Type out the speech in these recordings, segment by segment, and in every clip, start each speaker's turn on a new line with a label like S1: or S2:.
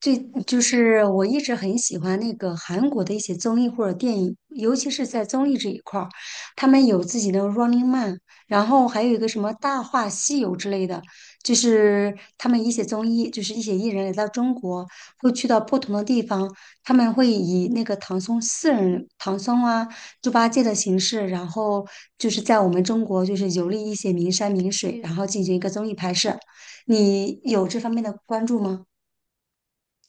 S1: 最就是我一直很喜欢那个韩国的一些综艺或者电影，尤其是在综艺这一块儿，他们有自己的 Running Man，然后还有一个什么《大话西游》之类的，就是他们一些综艺，就是一些艺人来到中国，会去到不同的地方，他们会以那个唐僧四人、唐僧啊、猪八戒的形式，然后就是在我们中国就是游历一些名山名水，然后进行一个综艺拍摄。你有这方面的关注吗？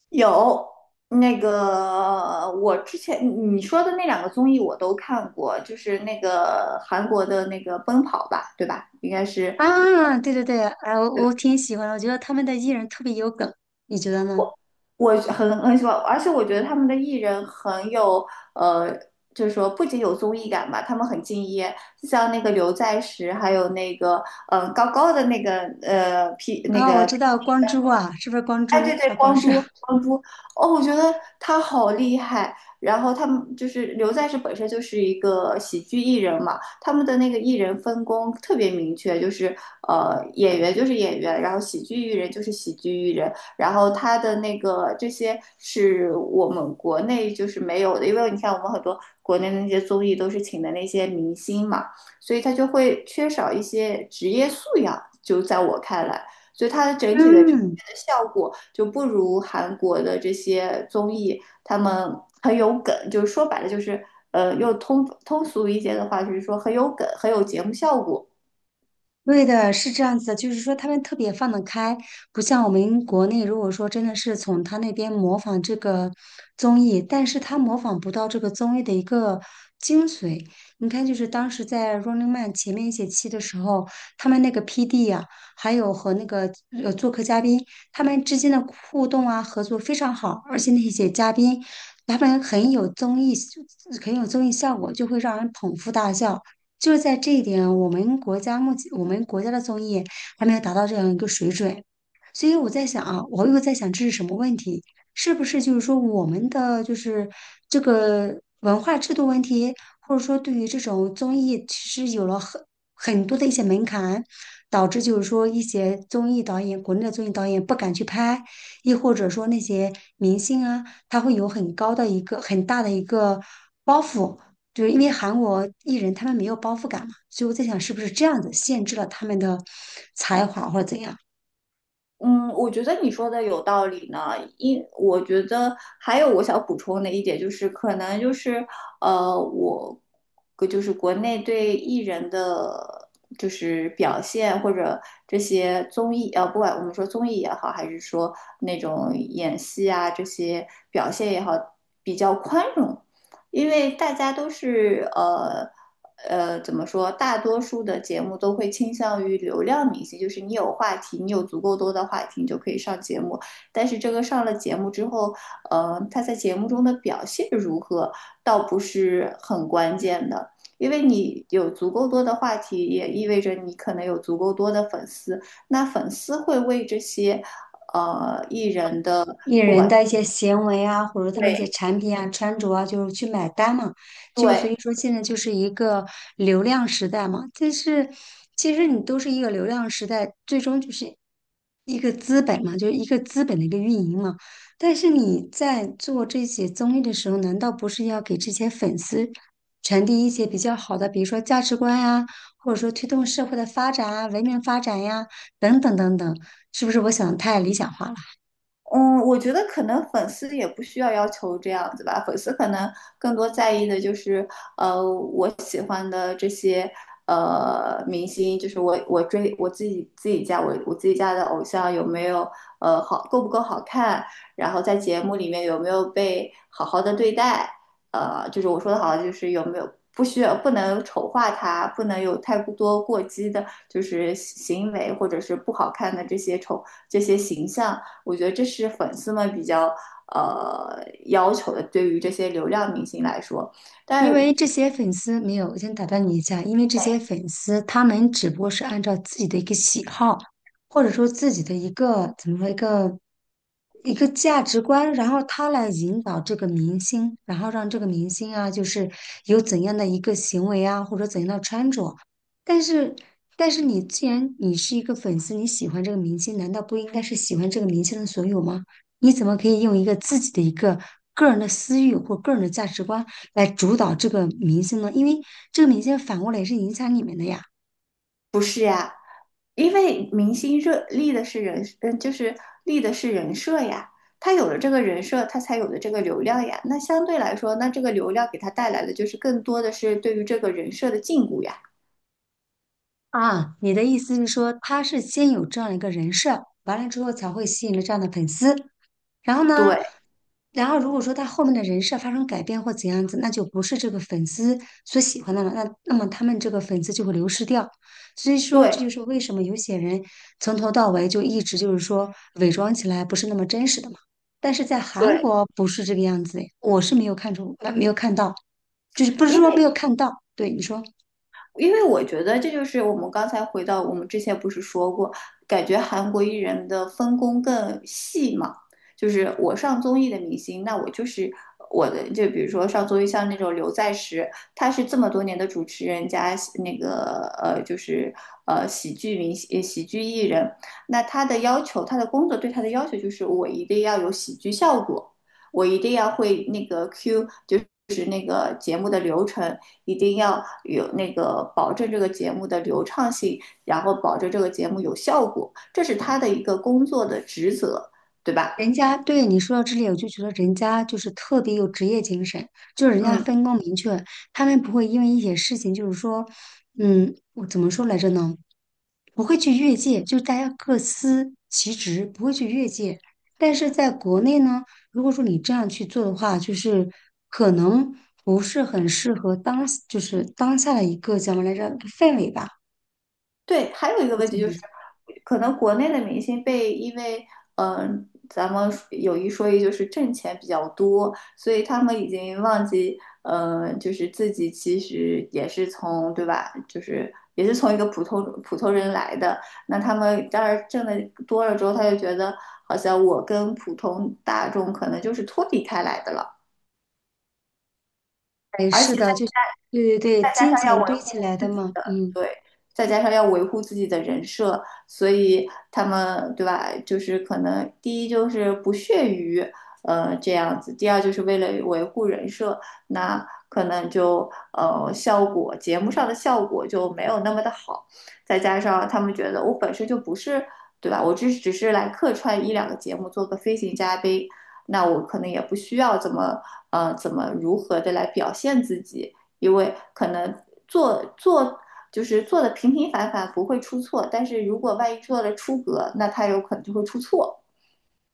S2: 有。那个，我之前你说的那两个综艺我都看过，就是那个韩国的那个《奔跑吧》，对吧？应该是。
S1: 啊，对对对，啊，我挺喜欢的，我觉得他们的艺人特别有梗，你觉得呢？
S2: 我很喜欢，而且我觉得他们的艺人很有呃，就是说不仅有综艺感吧，他们很敬业，就像那个刘在石，还有那个高高的那个皮那
S1: 啊，我
S2: 个。
S1: 知道光洙啊，是不是光
S2: 哎，
S1: 洙？
S2: 对对，
S1: 还有光
S2: 光
S1: 洙，
S2: 洙，光洙，哦，我觉得他好厉害。然后他们就是刘在石本身就是一个喜剧艺人嘛，他们的那个艺人分工特别明确，就是演员就是演员，然后喜剧艺人就是喜剧艺人。然后他的那个这些是我们国内就是没有的，因为你看我们很多国内的那些综艺都是请的那些明星嘛，所以他就会缺少一些职业素养，就在我看来。所以它的 整体的呈
S1: 嗯。
S2: 现的效果就不如韩国的这些综艺，他们很有梗，就是说白了就是，又通俗一些的话，就是说很有梗，很有节目效果。
S1: 对的，是这样子的，就是说他们特别放得开，不像我们国内，如果说真的是从他那边模仿这个综艺，但是他模仿不到这个综艺的一个精髓。你看，就是当时在《Running Man》前面一些期的时候，他们那个 PD 啊，还有和那个做客嘉宾，他们之间的互动啊，合作非常好，而且那些嘉宾他们很有综艺，很有综艺效果，就会让人捧腹大笑。就是在这一点，我们国家目前我们国家的综艺还没有达到这样一个水准，所以我在想啊，我又在想这是什么问题？是不是就是说我们的就是这个文化制度问题，或者说对于这种综艺其实有了很多的一些门槛，导致就是说一些综艺导演，国内的综艺导演不敢去拍，亦或者说那些明星啊，他会有很高的一个很大的一个包袱。就是因为韩国艺人他们没有包袱感嘛，所以我在想是不是这样子限制了他们的才华或者怎样。
S2: 嗯，我觉得你说的有道理呢。我觉得还有我想补充的一点就是，可能就是我就是国内对艺人的就是表现或者这些综艺不管我们说综艺也好，还是说那种演戏啊这些表现也好，比较宽容。因为大家都是怎么说？大多数的节目都会倾向于流量明星，就是你有话题，你有足够多的话题，你就可以上节目。但是这个上了节目之后，他在节目中的表现如何，倒不是很关键的。因为你有足够多的话题，也意味着你可能有足够多的粉丝。那粉丝会为这些艺人的。
S1: 艺
S2: 不
S1: 人
S2: 管，
S1: 的一些行为啊，或者他们一些
S2: 对，
S1: 产品啊、穿着啊，就是去买单嘛。就所
S2: 对。
S1: 以说，现在就是一个流量时代嘛。但是，其实你都是一个流量时代，最终就是一个资本嘛，就是一个资本的一个运营嘛。但是你在做这些综艺的时候，难道不是要给这些粉丝传递一些比较好的，比如说价值观呀、或者说推动社会的发展啊、文明发展呀、等等等等？是不是我想得太理想化了？
S2: 嗯，我觉得可能粉丝也不需要要求这样子吧，粉丝可能更多在意的就是，我喜欢的这些明星，就是我追我自己家的偶像有没有够不够好看，然后在节目里面有没有被好好的对待，就是我说的好就是有没有不需要不能丑化他，不能有太多过激的，就是行为或者是不好看的这些形象。我觉得这是粉丝们比较要求的，对于这些流量明星来说。
S1: 因
S2: 但
S1: 为这些粉丝没有，我先打断你一下，因为这些粉丝他们只不过是按照自己的一个喜好，或者说自己的一个怎么说一个价值观，然后他来引导这个明星，然后让这个明星啊，就是有怎样的一个行为啊，或者怎样的穿着。但是，但是你既然你是一个粉丝，你喜欢这个明星，难道不应该是喜欢这个明星的所有吗？你怎么可以用一个自己的一个个人的私欲或个人的价值观？来主导这个明星呢？因为这个明星反过来也是影响你们的呀。
S2: 因为明星热立的是人，嗯，就是立的是人设呀。他有了这个人设，他才有了这个流量呀。那相对来说，那这个流量给他带来的就是更多的是对于这个人设的禁锢呀。
S1: 啊，你的意思是说，他是先有这样一个人设，完了之后才会吸引了这样的粉丝，然后呢，
S2: 对
S1: 然后如果说他后面的人设发生改变或怎样子，那就不是这个粉丝所喜欢的了，那么他们这个粉丝就会流失掉。所以说，这
S2: 对
S1: 就是为什么有些人从头到尾就一直就是说伪装起来不是那么真实的嘛。但是在韩
S2: 对，
S1: 国不是这个样子，我是没有看出，没有看到，就是不是说没
S2: 因
S1: 有看到，对你说。
S2: 因为我觉得这就是我们刚才回到我们之前不是说过，感觉韩国艺人的分工更细嘛，就是我上综艺的明星，那我就是我的，就比如说上综艺像那种刘在石，他是这么多年的主持人加那个就是喜剧明星、喜剧艺人，那他的要求，他的工作对他的要求就是我一定要有喜剧效果，我一定要会那个 Q 就是。就是那个节目的流程，一定要有那个保证这个节目的流畅性，然后保证这个节目有效果，这是他的一个工作的职责，对吧？
S1: 人家对你说到这里，我就觉得人家就是特别有职业精神，就是人家
S2: 嗯。
S1: 分工明确，他们不会因为一些事情，就是说，嗯，我怎么说来着呢？不会去越界，就是大家各司其职，不会去越界。但是在国内呢，如果说你这样去做的话，就是可能不是很适合当，就是当下的一个怎么来着氛围吧。
S2: 对，还有一个
S1: 我
S2: 问
S1: 觉
S2: 题
S1: 得
S2: 就是，可能国内的明星因为，咱们有一说一，就是挣钱比较多，所以他们已经忘记，就是自己其实也是从，对吧？就是也是从一个普通人来的。那他们当然挣的多了之后，他就觉得好像我跟普通大众可能就是脱离开来的了。
S1: 哎，
S2: 而
S1: 是
S2: 且。
S1: 的，就对对对，
S2: 再加
S1: 金
S2: 上要
S1: 钱
S2: 维
S1: 堆起
S2: 护
S1: 来的
S2: 自己
S1: 嘛，
S2: 的，
S1: 嗯。
S2: 对，再加上要维护自己的人设，所以他们对吧？就是可能第一就是不屑于这样子，第二就是为了维护人设，那可能就呃效果节目上的效果就没有那么的好，再加上他们觉得我本身就不是对吧？我只是来客串一两个节目，做个飞行嘉宾。那我可能也不需要怎么如何的来表现自己，因为可能做就是做的平平凡凡，不会出错。但是如果万一做了出格，那他有可能就会出错。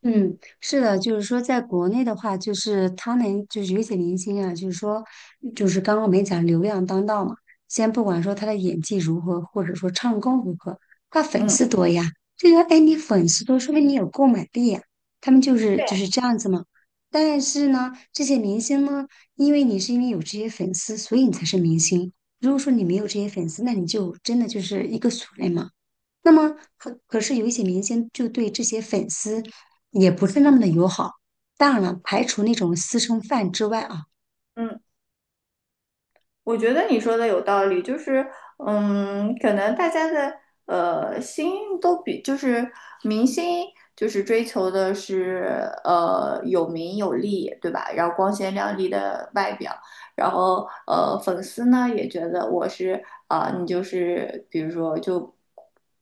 S1: 嗯，是的，就是说，在国内的话，就是他们就是有一些明星啊，就是说，就是刚刚我们讲流量当道嘛，先不管说他的演技如何，或者说唱功如何，他粉
S2: 嗯，
S1: 丝多呀，这个哎，你粉丝多，说明你有购买力呀，他们
S2: 对，
S1: 就是这样子嘛。但是呢，这些明星呢，因为你是因为有这些粉丝，所以你才是明星。如果说你没有这些粉丝，那你就真的就是一个俗人嘛。那么可是有一些明星就对这些粉丝也不是那么的友好。当然了，排除那种私生饭之外啊，
S2: 嗯我觉得你说的有道理，就是，嗯，可能大家的心都比，就是明星就是追求的是有名有利，对吧？然后光鲜亮丽的外表，然后粉丝呢也觉得我是啊、你就是比如说就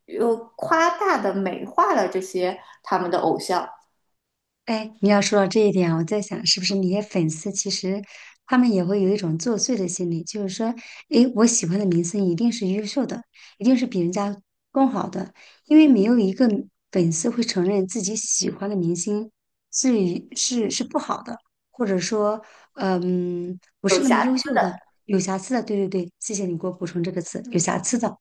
S2: 又夸大的美化了这些他们的偶像。
S1: 哎，你要说到这一点啊，我在想，是不是那些粉丝其实他们也会有一种作祟的心理，就是说，哎，我喜欢的明星一定是优秀的，一定是比人家更好的，因为没有一个粉丝会承认自己喜欢的明星是一是是不好的，或者说，嗯，不
S2: 有
S1: 是那么
S2: 瑕。
S1: 优秀的，有瑕疵的。对对对，谢谢你给我补充这个词，有瑕疵的。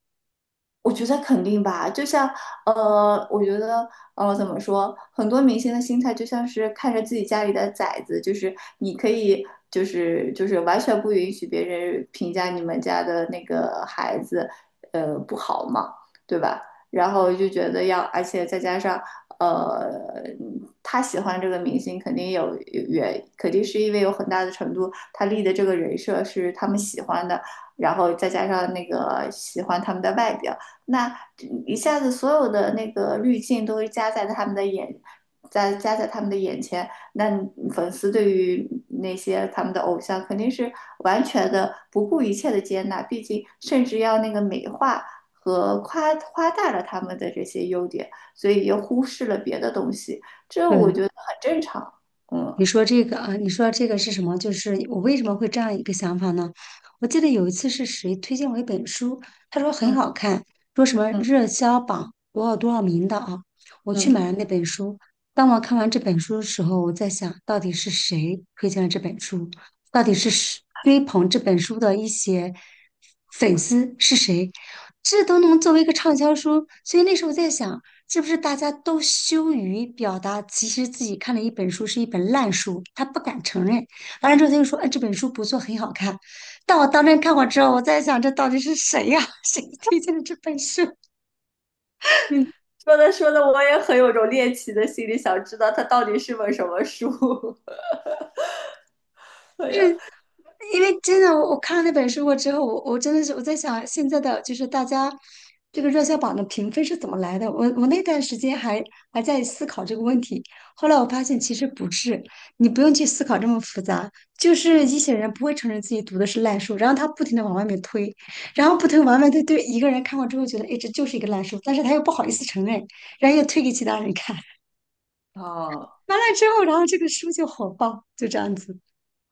S2: 我觉得肯定吧，就像我觉得怎么说，很多明星的心态就像是看着自己家里的崽子，就是你可以，就是完全不允许别人评价你们家的那个孩子，不好嘛，对吧？然后就觉得要，而且再加上呃，他喜欢这个明星，肯定有也肯定是因为有很大的程度，他立的这个人设是他们喜欢的，然后再加上那个喜欢他们的外表。那一下子所有的那个滤镜都加在他们的眼，加在他们的眼前，那粉丝对于那些他们的偶像肯定是完全的不顾一切的接纳，毕竟甚至要那个美化和夸大了他们的这些优点，所以又忽视了别的东西，这我
S1: 对，
S2: 觉得很正常。
S1: 你
S2: 嗯
S1: 说这个啊，你说这个是什么？就是我为什么会这样一个想法呢？我记得有一次是谁推荐我一本书，他说很
S2: 嗯
S1: 好看，说什么
S2: 嗯
S1: 热销榜多少多少名的啊。我去
S2: 嗯，
S1: 买了那本书。当我看完这本书的时候，我在想，到底是谁推荐了这本书？到底是谁追捧这本书的一些粉丝是谁？这都能作为一个畅销书，所以那时候我在想。是不是大家都羞于表达？其实自己看了一本书是一本烂书，他不敢承认。完了之后他就说：“哎，这本书不错，很好看。”但我当真看过之后，我在想，这到底是谁呀、谁推荐的这本书？
S2: 嗯，说的说的，我也很有种猎奇的心理，想知道它到底是本什么书。对呀，
S1: 因为真的，我看了那本书过之后，我真的是我在想，现在的就是大家这个热销榜的评分是怎么来的？我那段时间还在思考这个问题，后来我发现其实不是，你不用去思考这么复杂，就是一些人不会承认自己读的是烂书，然后他不停的往外面推，然后不停地往外面推，对一个人看过之后觉得，哎，这就是一个烂书，但是他又不好意思承认，然后又推给其他人看，
S2: 啊。
S1: 完了之后，然后这个书就火爆，就这样子。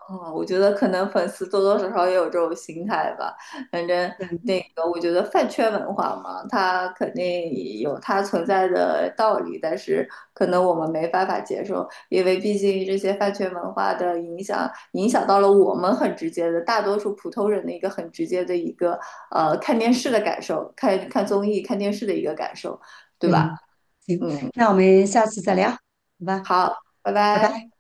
S2: 嗯，我觉得可能粉丝多多少少也有这种心态吧。反正那个，我觉得饭圈文化嘛，它肯定有它存在的道理，但是可能我们没办法接受，因为毕竟这些饭圈文化的影响，影响到了我们很直接的，大多数普通人的一个很直接的一个看电视的感受，看看综艺、看电视的一个感受，对
S1: 对，
S2: 吧？
S1: 行，那我们下次再聊，好吧，
S2: 好，拜
S1: 拜
S2: 拜。
S1: 拜。